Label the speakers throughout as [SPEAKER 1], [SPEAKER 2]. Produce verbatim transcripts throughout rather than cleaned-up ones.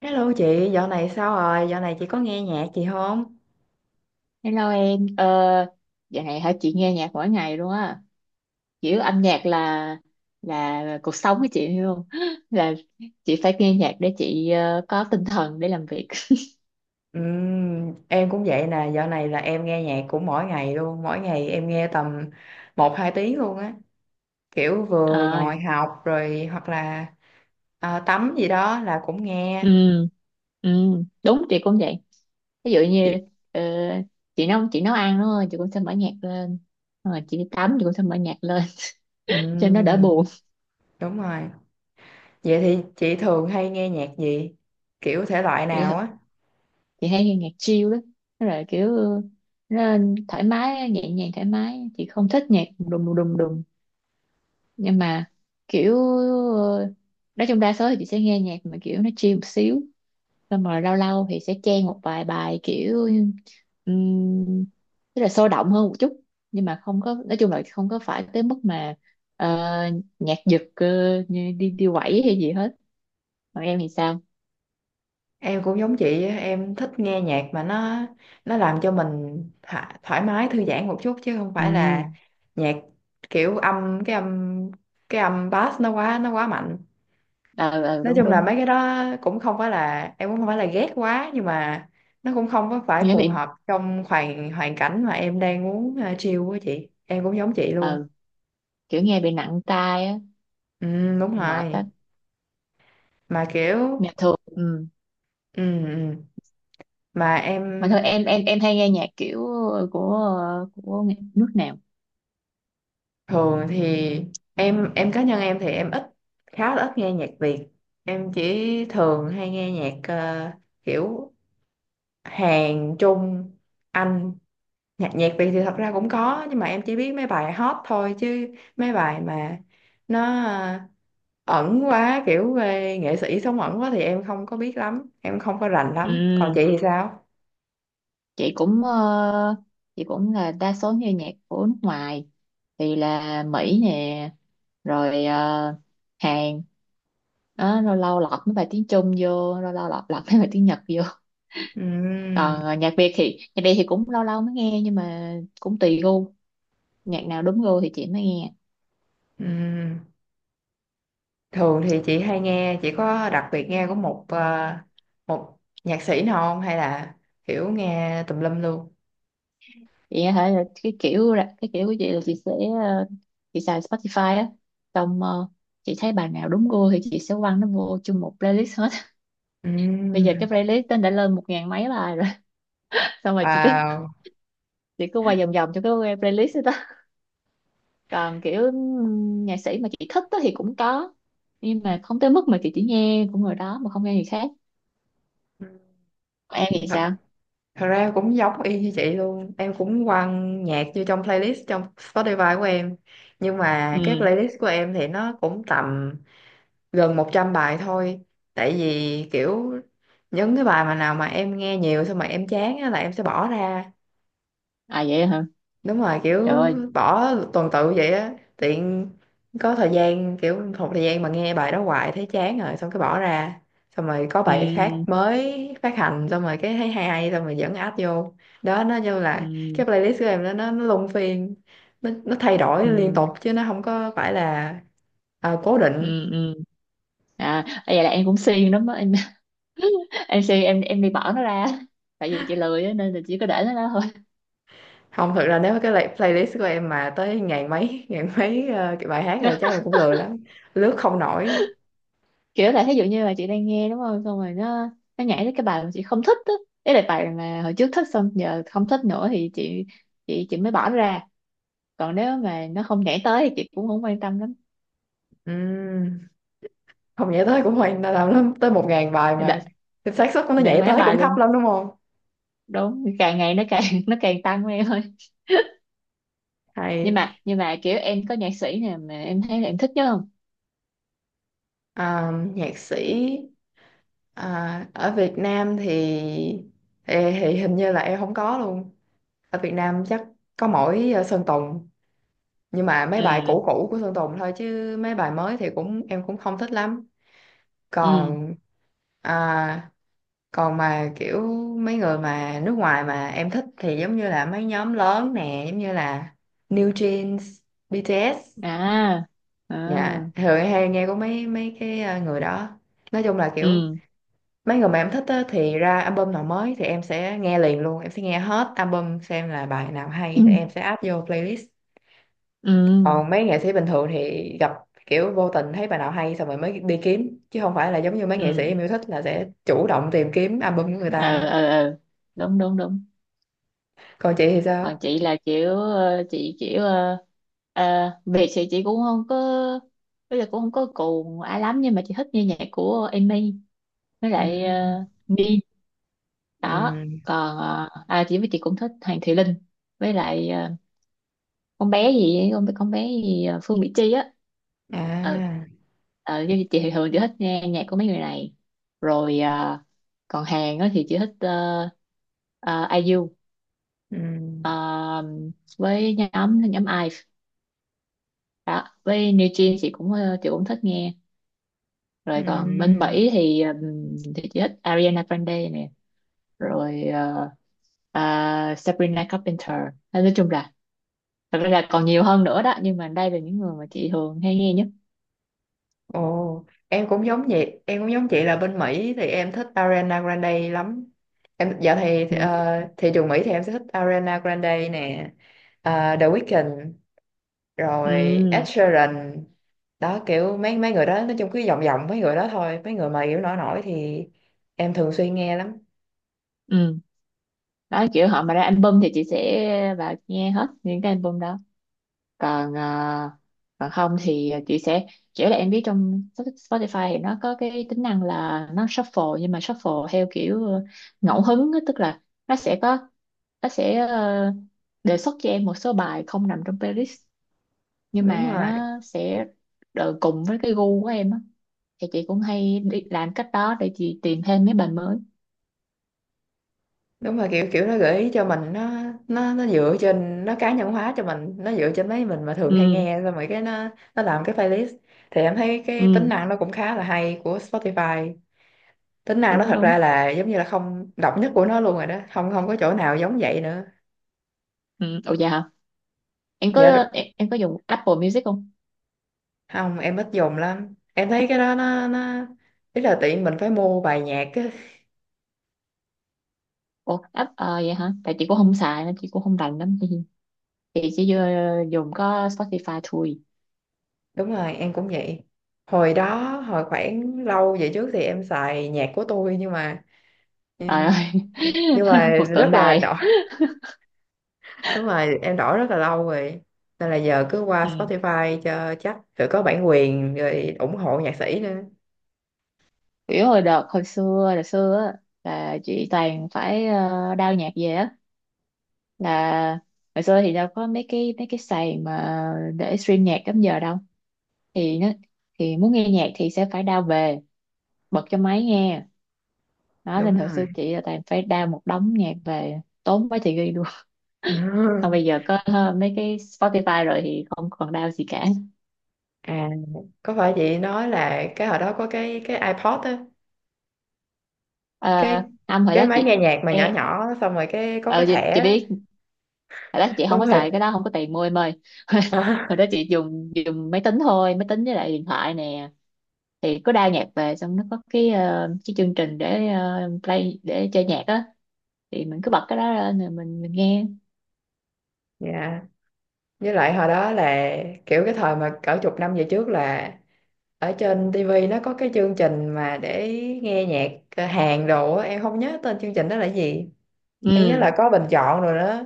[SPEAKER 1] Hello chị, dạo này sao rồi? Dạo này chị có nghe nhạc chị không?
[SPEAKER 2] Hello em. Ờ, dạo này hả chị nghe nhạc mỗi ngày luôn á, kiểu âm nhạc là là cuộc sống của chị luôn, là chị phải nghe nhạc để chị ờ, có tinh thần để làm việc.
[SPEAKER 1] Ừm, em cũng vậy nè, dạo này là em nghe nhạc cũng mỗi ngày luôn, mỗi ngày em nghe tầm một hai tiếng luôn á. Kiểu vừa
[SPEAKER 2] À,
[SPEAKER 1] ngồi học rồi hoặc là à, tắm gì đó là cũng nghe.
[SPEAKER 2] ừ, ừ, đúng chị cũng vậy. Ví dụ
[SPEAKER 1] Chị...
[SPEAKER 2] như ờ, chị nấu chị nấu ăn đúng không? Chị cũng sẽ mở nhạc lên, rồi chị đi tắm chị cũng sẽ mở nhạc lên cho nó đỡ
[SPEAKER 1] Ừm,
[SPEAKER 2] buồn.
[SPEAKER 1] đúng rồi. Vậy thì chị thường hay nghe nhạc gì? Kiểu thể loại
[SPEAKER 2] Chị
[SPEAKER 1] nào á?
[SPEAKER 2] chị hay nghe nhạc chill đó, Nó là kiểu nó thoải mái nhẹ nhàng thoải mái. Chị không thích nhạc đùng đùng đùng đùng nhưng mà kiểu, ờ, nói chung đa số thì chị sẽ nghe nhạc mà kiểu nó chill một xíu, xong rồi lâu lâu thì sẽ chen một vài bài kiểu, um, tức là sôi động hơn một chút, nhưng mà không có, nói chung là không có phải tới mức mà ờ, nhạc giật ờ, như đi đi quẩy hay gì hết. Còn em thì sao?
[SPEAKER 1] Em cũng giống chị á, em thích nghe nhạc mà nó nó làm cho mình thả- thoải mái thư giãn một chút chứ không phải
[SPEAKER 2] Ừ.
[SPEAKER 1] là nhạc kiểu âm cái âm cái âm bass nó quá nó quá mạnh.
[SPEAKER 2] Ờ ờ,
[SPEAKER 1] Nói
[SPEAKER 2] đúng
[SPEAKER 1] chung là mấy
[SPEAKER 2] đúng.
[SPEAKER 1] cái đó cũng không phải là em cũng không phải là ghét quá, nhưng mà nó cũng không có phải
[SPEAKER 2] Nghe
[SPEAKER 1] phù
[SPEAKER 2] bị,
[SPEAKER 1] hợp trong hoàn hoàn cảnh mà em đang muốn, uh, chill. Với chị em cũng giống chị luôn.
[SPEAKER 2] ờ, kiểu nghe bị nặng tai á,
[SPEAKER 1] Ừ, đúng
[SPEAKER 2] mệt
[SPEAKER 1] rồi,
[SPEAKER 2] á,
[SPEAKER 1] mà kiểu
[SPEAKER 2] nhạc thường. Ừ,
[SPEAKER 1] ừ, ừ. Mà
[SPEAKER 2] mà
[SPEAKER 1] em
[SPEAKER 2] thôi, em em em hay nghe nhạc kiểu ờ, của ờ, của nghệ- nước nào?
[SPEAKER 1] thường thì em em cá nhân em thì em ít, khá là ít nghe nhạc Việt. Em chỉ thường hay nghe nhạc ờ, kiểu Hàn, Trung, Anh. Nhạc nhạc Việt thì thật ra cũng có nhưng mà em chỉ biết mấy bài hot thôi, chứ mấy bài mà nó ờ, ẩn quá, kiểu về nghệ sĩ sống ẩn quá thì em không có biết lắm, em không có rành lắm. Còn chị
[SPEAKER 2] Ừ.
[SPEAKER 1] thì sao?
[SPEAKER 2] Chị cũng, ờ, chị cũng là đa số nghe nhạc của nước ngoài, thì là Mỹ nè, rồi ờ, Hàn đó, lâu lâu lọt mấy bài tiếng Trung vô, lâu lâu lọt lọt mấy bài tiếng Nhật vô.
[SPEAKER 1] Ừm,
[SPEAKER 2] Còn ờ, nhạc Việt thì, nhạc Việt thì cũng lâu lâu mới nghe, nhưng mà cũng tùy gu, nhạc nào đúng gu thì chị mới nghe.
[SPEAKER 1] ừm. Thường thì chị hay nghe, chị có đặc biệt nghe của một ờ, một nhạc sĩ nào không, hay là kiểu nghe tùm lum luôn?
[SPEAKER 2] Vậy hả? Là cái kiểu là- cái kiểu của chị là chị sẽ, ờ, chị xài Spotify á, xong ờ, chị thấy bài nào đúng gu thì chị sẽ quăng nó vô chung một playlist hết. Bây giờ
[SPEAKER 1] Ừm,
[SPEAKER 2] cái playlist nó đã lên một ngàn mấy bài rồi. Xong rồi chị cứ
[SPEAKER 1] Wow.
[SPEAKER 2] chị cứ quay vòng vòng cho cái playlist đó. Còn kiểu, ừm, nhạc sĩ mà chị thích á thì cũng có, nhưng mà không tới mức mà chị chỉ nghe của người đó mà không nghe người khác. Còn em thì
[SPEAKER 1] Thật,
[SPEAKER 2] sao?
[SPEAKER 1] thật ra em cũng giống y như chị luôn. Em cũng quăng nhạc vô trong playlist trong Spotify của em. Nhưng mà cái
[SPEAKER 2] Ừ.
[SPEAKER 1] playlist của em thì nó cũng tầm gần một trăm bài thôi. Tại vì kiểu những cái bài mà nào mà em nghe nhiều xong mà em chán á là em sẽ bỏ ra.
[SPEAKER 2] À vậy hả?
[SPEAKER 1] Đúng rồi,
[SPEAKER 2] Trời
[SPEAKER 1] kiểu
[SPEAKER 2] ơi.
[SPEAKER 1] bỏ tuần tự vậy á, tiện có thời gian, kiểu một thời gian mà nghe bài đó hoài thấy chán rồi xong cái bỏ ra, xong rồi có bài khác
[SPEAKER 2] Ừ,
[SPEAKER 1] mới phát hành xong rồi cái thấy hay hay xong rồi vẫn add vô. Đó, nó như là
[SPEAKER 2] ừ,
[SPEAKER 1] cái playlist của em đó, nó nó luân phiên, nó, nó thay đổi liên
[SPEAKER 2] ừ,
[SPEAKER 1] tục chứ nó không có phải là à, cố định.
[SPEAKER 2] ừ, ừ, ừ. À vậy là em cũng siêng lắm á, em em MC em em đi bỏ nó ra. Tại vì chị lười á, nên là chỉ có để nó đó thôi.
[SPEAKER 1] Không, thực ra nếu cái lay- playlist của em mà tới ngàn mấy ngàn mấy ờ, cái bài hát rồi chắc em cũng lười lắm, lướt không nổi.
[SPEAKER 2] Kiểu là thí dụ như là chị đang nghe đúng không, xong rồi nó nó nhảy tới cái bài mà chị không thích á, đấy là bài mà hồi trước thích xong giờ không thích nữa, thì chị chị chị mới bỏ nó ra. Còn nếu mà nó không nhảy tới thì chị cũng không quan tâm lắm.
[SPEAKER 1] Ừ, không nhảy tới cũng hoành là làm lắm, tới một ngàn bài mà,
[SPEAKER 2] để,
[SPEAKER 1] thì xác suất của nó
[SPEAKER 2] để
[SPEAKER 1] nhảy
[SPEAKER 2] máy
[SPEAKER 1] tới cũng
[SPEAKER 2] bài
[SPEAKER 1] thấp
[SPEAKER 2] luôn.
[SPEAKER 1] lắm đúng không.
[SPEAKER 2] Đúng, càng ngày nó càng nó càng tăng em ơi. nhưng
[SPEAKER 1] Hay
[SPEAKER 2] mà nhưng mà kiểu em có nhạc sĩ nào mà em thấy là em thích nhất không?
[SPEAKER 1] à, nhạc sĩ à, ở Việt Nam thì, thì thì hình như là em không có luôn. Ở Việt Nam chắc có mỗi ờ, Sơn Tùng, nhưng mà mấy bài
[SPEAKER 2] Ừ,
[SPEAKER 1] cũ cũ của Sơn Tùng thôi, chứ mấy bài mới thì cũng em cũng không thích lắm.
[SPEAKER 2] ừ,
[SPEAKER 1] Còn à, còn mà kiểu mấy người mà nước ngoài mà em thích thì giống như là mấy nhóm lớn nè, giống như là New Jeans, bê tê ét.
[SPEAKER 2] à,
[SPEAKER 1] Dạ,
[SPEAKER 2] à,
[SPEAKER 1] thường em hay nghe của mấy mấy cái ờ, người đó. Nói chung là kiểu
[SPEAKER 2] ừ.
[SPEAKER 1] mấy người mà em thích á, thì ra album nào mới thì em sẽ nghe liền luôn, em sẽ nghe hết album xem là bài nào hay thì em sẽ add vô playlist.
[SPEAKER 2] Ừ,
[SPEAKER 1] Còn mấy nghệ sĩ bình thường thì gặp kiểu vô tình thấy bài nào hay xong rồi mới đi kiếm, chứ không phải là giống như mấy nghệ
[SPEAKER 2] ừ,
[SPEAKER 1] sĩ em yêu thích là sẽ chủ động tìm kiếm album của người
[SPEAKER 2] ờ
[SPEAKER 1] ta.
[SPEAKER 2] ờ ờ, đúng đúng đúng.
[SPEAKER 1] Còn chị thì
[SPEAKER 2] Còn
[SPEAKER 1] sao?
[SPEAKER 2] chị là kiểu, ờ, chị kiểu ờ, ờ, biệt thì chị cũng không có, bây giờ cũng không có cuồng ai lắm, nhưng mà chị thích nghe nhạc của Amy, với
[SPEAKER 1] Ừ.
[SPEAKER 2] lại uh, Min đó.
[SPEAKER 1] Ừ.
[SPEAKER 2] Còn ờ, à chị, với chị cũng thích Hoàng Thùy Linh, với lại ờ, con bé gì ấy, con con bé gì, ờ, Phương Mỹ Chi á. Ừ.
[SPEAKER 1] À.
[SPEAKER 2] Ờ chứ chị thì thường chị thích nghe nhạc của mấy người này, rồi ờ, còn Hàn á thì chị thích, uh,
[SPEAKER 1] Ừ.
[SPEAKER 2] Ờ, với nhóm nhóm Ive đó. Với New Jeans chị cũng, ờ, chị cũng thích nghe.
[SPEAKER 1] Ừ.
[SPEAKER 2] Rồi còn bên Mỹ thì, ừm, thì chị thích Ariana Grande nè, rồi ờ, ờ, Sabrina Carpenter. Nên nói chung là, thật ra là còn nhiều hơn nữa đó, nhưng mà đây là những người mà chị thường hay nghe nhất.
[SPEAKER 1] Ồ, em cũng giống vậy, em cũng giống chị là bên Mỹ thì em thích Ariana Grande lắm. Em dạo thì thì,
[SPEAKER 2] Ừ.
[SPEAKER 1] ờ, thị trường Mỹ thì em sẽ thích Ariana Grande nè, ờ, The Weeknd, rồi
[SPEAKER 2] Ừ.
[SPEAKER 1] Ed Sheeran. Đó kiểu mấy mấy người đó, nói chung cứ vòng vòng mấy người đó thôi, mấy người mà kiểu nổi nổi thì em thường xuyên nghe lắm.
[SPEAKER 2] Ừ. Đó, kiểu họ mà ra album thì chị sẽ vào nghe hết những cái album đó, còn ờ, còn không thì chị sẽ, kiểu là em biết trong Spotify thì nó có cái tính năng là nó shuffle, nhưng mà shuffle theo kiểu, ờ, ngẫu hứng á, tức là nó sẽ có, nó sẽ ờ, đề xuất cho em một số bài không nằm trong playlist, nhưng
[SPEAKER 1] Đúng
[SPEAKER 2] mà
[SPEAKER 1] rồi.
[SPEAKER 2] nó sẽ đờ- cùng với cái gu của em á, thì chị cũng hay đi làm cách đó để chị tìm thêm mấy bài mới.
[SPEAKER 1] Đúng rồi, kiểu kiểu nó gợi ý cho mình, nó nó nó dựa trên, nó cá nhân hóa cho mình, nó dựa trên mấy mình mà thường hay
[SPEAKER 2] Ừ,
[SPEAKER 1] nghe xong rồi cái nó nó làm cái playlist. Thì em thấy cái tính
[SPEAKER 2] ừ,
[SPEAKER 1] năng nó cũng khá là hay của Spotify. Tính năng nó
[SPEAKER 2] đúng
[SPEAKER 1] thật
[SPEAKER 2] đúng.
[SPEAKER 1] ra là giống như là không, độc nhất của nó luôn rồi đó, không không có chỗ nào giống vậy nữa.
[SPEAKER 2] Ừ, ồ, dạ hả? Em
[SPEAKER 1] dạ
[SPEAKER 2] có,
[SPEAKER 1] đ-
[SPEAKER 2] em, em có dùng Apple Music không?
[SPEAKER 1] Không, em ít dùng lắm, em thấy cái đó nó nó ý là tiện mình phải mua bài nhạc á.
[SPEAKER 2] Ủa, app, ờ, vậy hả? Tại chị cũng không xài nên chị cũng không rành lắm. Chị chỉ vô- dùng có Spotify thôi.
[SPEAKER 1] Đúng rồi em cũng vậy. Hồi đó, hồi khoảng lâu về trước thì em xài nhạc của tôi, nhưng mà
[SPEAKER 2] Trời ơi.
[SPEAKER 1] nhưng mà
[SPEAKER 2] Một tượng
[SPEAKER 1] rất là đỏ.
[SPEAKER 2] đài.
[SPEAKER 1] Đúng rồi, em đổi rất là lâu rồi, nên là giờ cứ qua
[SPEAKER 2] Ừ.
[SPEAKER 1] Spotify cho chắc rồi, có bản quyền rồi, ủng hộ nhạc sĩ nữa.
[SPEAKER 2] Kiểu hồi đợt hồi xưa, hồi xưa á, là chị toàn phải, uh, đao nhạc về á. Là hồi xưa thì đâu có mấy cái, mấy cái sàn mà để stream nhạc lắm giờ đâu. Thì nó, thì muốn nghe nhạc thì sẽ phải đao về, bật cho máy nghe. Đó
[SPEAKER 1] Đúng
[SPEAKER 2] nên hồi
[SPEAKER 1] rồi.
[SPEAKER 2] xưa chị là toàn phải đao một đống nhạc về, tốn mấy chị ghi.
[SPEAKER 1] Ừ.
[SPEAKER 2] Còn bây giờ có ờ, mấy cái Spotify rồi thì không còn đau gì cả.
[SPEAKER 1] À, có phải chị nói là cái hồi đó có cái cái iPod á,
[SPEAKER 2] À,
[SPEAKER 1] cái
[SPEAKER 2] Âm hồi
[SPEAKER 1] cái
[SPEAKER 2] đó
[SPEAKER 1] máy
[SPEAKER 2] chị,
[SPEAKER 1] nghe nhạc mà nhỏ
[SPEAKER 2] em,
[SPEAKER 1] nhỏ xong rồi cái có
[SPEAKER 2] ờ,
[SPEAKER 1] cái
[SPEAKER 2] chị,
[SPEAKER 1] thẻ
[SPEAKER 2] chị
[SPEAKER 1] á.
[SPEAKER 2] biết hồi đó chị không
[SPEAKER 1] Đúng
[SPEAKER 2] có
[SPEAKER 1] rồi.
[SPEAKER 2] xài cái đó, không có tiền mua em ơi.
[SPEAKER 1] À,
[SPEAKER 2] Hồi đó chị dùng dùng máy tính thôi, máy tính với lại điện thoại nè. Thì có đa nhạc về, xong nó có cái, ờ, cái chương trình để, ờ, play để chơi nhạc á, thì mình cứ bật cái đó lên rồi mình mình nghe.
[SPEAKER 1] dạ, với lại hồi đó là kiểu cái thời mà cỡ chục năm về trước là ở trên ti vi nó có cái chương trình mà để nghe nhạc ờ, Hàn đồ á, em không nhớ tên chương trình đó là gì. Em nhớ
[SPEAKER 2] Ừ.
[SPEAKER 1] là có bình chọn rồi đó.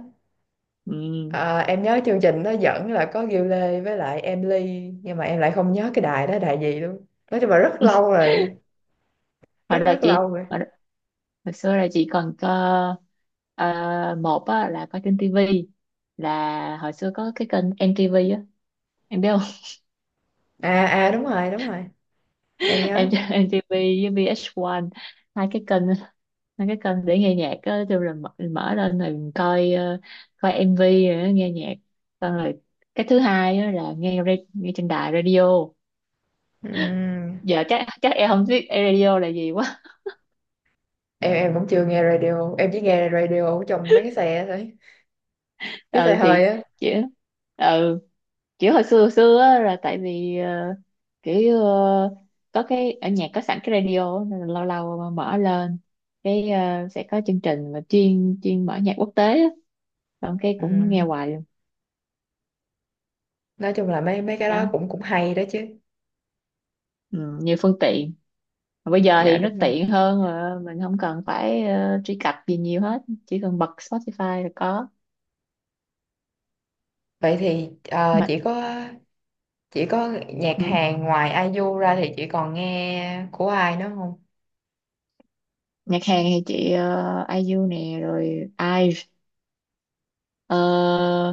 [SPEAKER 2] Ừ.
[SPEAKER 1] À, em nhớ chương trình nó dẫn là có Gil Lê với lại Em Ly, nhưng mà em lại không nhớ cái đài đó đài gì luôn, nói chung là rất lâu rồi,
[SPEAKER 2] Hồi
[SPEAKER 1] rất
[SPEAKER 2] đó
[SPEAKER 1] rất
[SPEAKER 2] chị,
[SPEAKER 1] lâu rồi.
[SPEAKER 2] hồi xưa là chị còn có, ờ, một á, là có trên tivi, là hồi xưa có cái kênh em tê vê á, em biết không?
[SPEAKER 1] À à đúng rồi đúng rồi, em nhớ.
[SPEAKER 2] Em MTV với vê hát một, hai cái kênh, hai cái kênh để nghe nhạc á, kêu là mở, mở lên rồi coi, ờ, coi em vê rồi á, nghe nhạc, xong rồi cái thứ hai á là nghe ra- nghe trên đài radio.
[SPEAKER 1] Ừm,
[SPEAKER 2] Giờ chắc chắc em không biết radio là gì quá.
[SPEAKER 1] em em cũng chưa nghe radio, em chỉ nghe radio ở trong mấy cái xe thôi, cái xe
[SPEAKER 2] Ừ thì
[SPEAKER 1] hơi á.
[SPEAKER 2] chỉ, ừ, kiểu hồi xưa, hồi xưa á, là tại vì, ờ, kiểu ờ, có cái ở nhà có sẵn cái radio á, nên là lâu lâu mà mở lên cái, ờ, sẽ có chương trình mà chuyên chuyên mở nhạc quốc tế á. Xong cái cũng nghe
[SPEAKER 1] Ừm,
[SPEAKER 2] hoài luôn.
[SPEAKER 1] nói chung là mấy mấy cái
[SPEAKER 2] Đó,
[SPEAKER 1] đó cũng cũng hay đó chứ.
[SPEAKER 2] ừ, như phương tiện. Mà bây giờ
[SPEAKER 1] Dạ
[SPEAKER 2] thì nó
[SPEAKER 1] đúng rồi.
[SPEAKER 2] tiện hơn, mà mình không cần phải ờ, truy cập gì nhiều hết, chỉ cần bật Spotify là có
[SPEAKER 1] Vậy thì ờ,
[SPEAKER 2] mà.
[SPEAKER 1] chỉ có chỉ có nhạc
[SPEAKER 2] Ừ.
[SPEAKER 1] Hàn, ngoài ai IU ra thì chị còn nghe của ai nữa không?
[SPEAKER 2] Nhạc Hàn thì chị, ờ, ai IU nè, rồi ai vê i, ờ,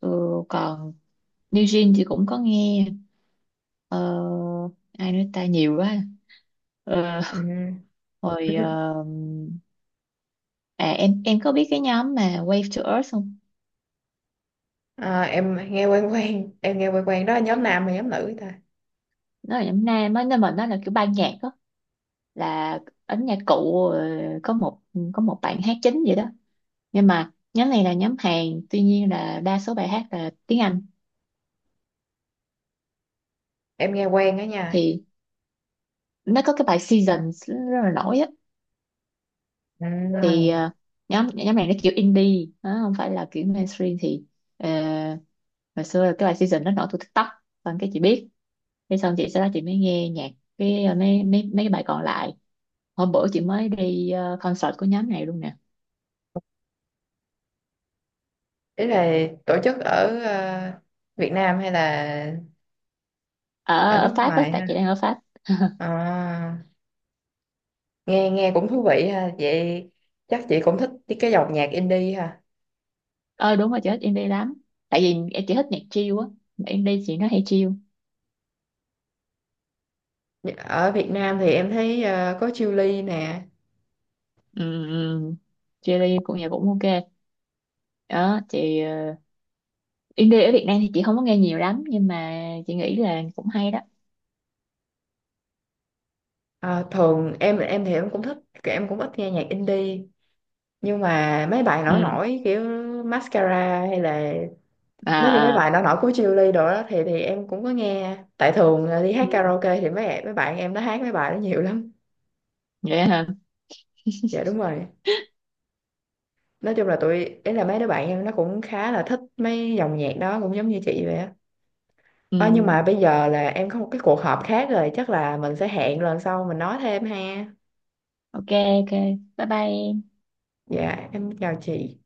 [SPEAKER 2] ừ, còn New Jeans thì cũng có nghe. Ờ, ai nói ta nhiều quá. Ờ,
[SPEAKER 1] Ừm.
[SPEAKER 2] hồi ờ, à em em có biết cái nhóm mà Wave to Earth không?
[SPEAKER 1] À, em nghe quen quen, em nghe quen quen, đó là nhóm nam hay nhóm nữ ta?
[SPEAKER 2] Nó là nhóm nam á, nên mà nó là kiểu ban nhạc đó, là ấn nhạc cụ, ờ, có một có một bạn hát chính vậy đó, nhưng mà nhóm này là nhóm Hàn, tuy nhiên là đa số bài hát là tiếng Anh.
[SPEAKER 1] Em nghe quen đó nha.
[SPEAKER 2] Thì nó có cái bài Seasons rất là nổi á. Thì
[SPEAKER 1] Ừ.
[SPEAKER 2] ờ, nhóm nhóm này nó kiểu indie, nó không phải là kiểu mainstream, thì ờ, hồi xưa là cái bài Season nó nổi từ TikTok, xong cái chị biết. Thế xong chị, sau đó chị mới nghe nhạc cái, ờ, mấy mấy mấy cái bài còn lại. Hôm bữa chị mới đi ờ, concert của nhóm này luôn nè.
[SPEAKER 1] Ý là tổ chức ở ờ, Việt Nam hay là
[SPEAKER 2] Ở,
[SPEAKER 1] ở nước
[SPEAKER 2] ở Pháp á,
[SPEAKER 1] ngoài
[SPEAKER 2] tại
[SPEAKER 1] ha?
[SPEAKER 2] chị đang ở Pháp.
[SPEAKER 1] À, nghe nghe cũng thú vị ha vậy. Chắc chị cũng thích cái cái dòng nhạc indie ha.
[SPEAKER 2] Ờ đúng rồi, chị thích indie lắm, tại vì chị thích nhạc chill á, mà indie chị nó hay chill.
[SPEAKER 1] Ở Việt Nam thì em thấy ờ, có Chillies nè.
[SPEAKER 2] um, Chill cũng nhạc cũng ok đó chị. ờ, Indie ở Việt Nam thì chị không có nghe nhiều lắm, nhưng mà chị nghĩ là cũng hay đó.
[SPEAKER 1] Ờ, thường em em thì em cũng thích, em cũng ít nghe nhạc indie, nhưng mà mấy bài nổi
[SPEAKER 2] Ừ,
[SPEAKER 1] nổi kiểu Mascara hay là
[SPEAKER 2] à
[SPEAKER 1] nói như mấy
[SPEAKER 2] à,
[SPEAKER 1] bài nổi nổi của Chillies đồ đó thì thì em cũng có nghe, tại thường là đi hát
[SPEAKER 2] ừ,
[SPEAKER 1] karaoke thì mấy mấy bạn em nó hát mấy bài đó nhiều lắm.
[SPEAKER 2] vậy hả,
[SPEAKER 1] Dạ đúng rồi. Nói chung là tụi, ý là mấy đứa bạn em nó cũng khá là thích mấy dòng nhạc đó, cũng giống như chị vậy á.
[SPEAKER 2] ừ.
[SPEAKER 1] Ờ, nhưng mà bây giờ là em có một cái cuộc họp khác rồi, chắc là mình sẽ hẹn lần sau mình nói thêm ha.
[SPEAKER 2] Ok, ok, bye bye em.
[SPEAKER 1] Dạ em chào chị.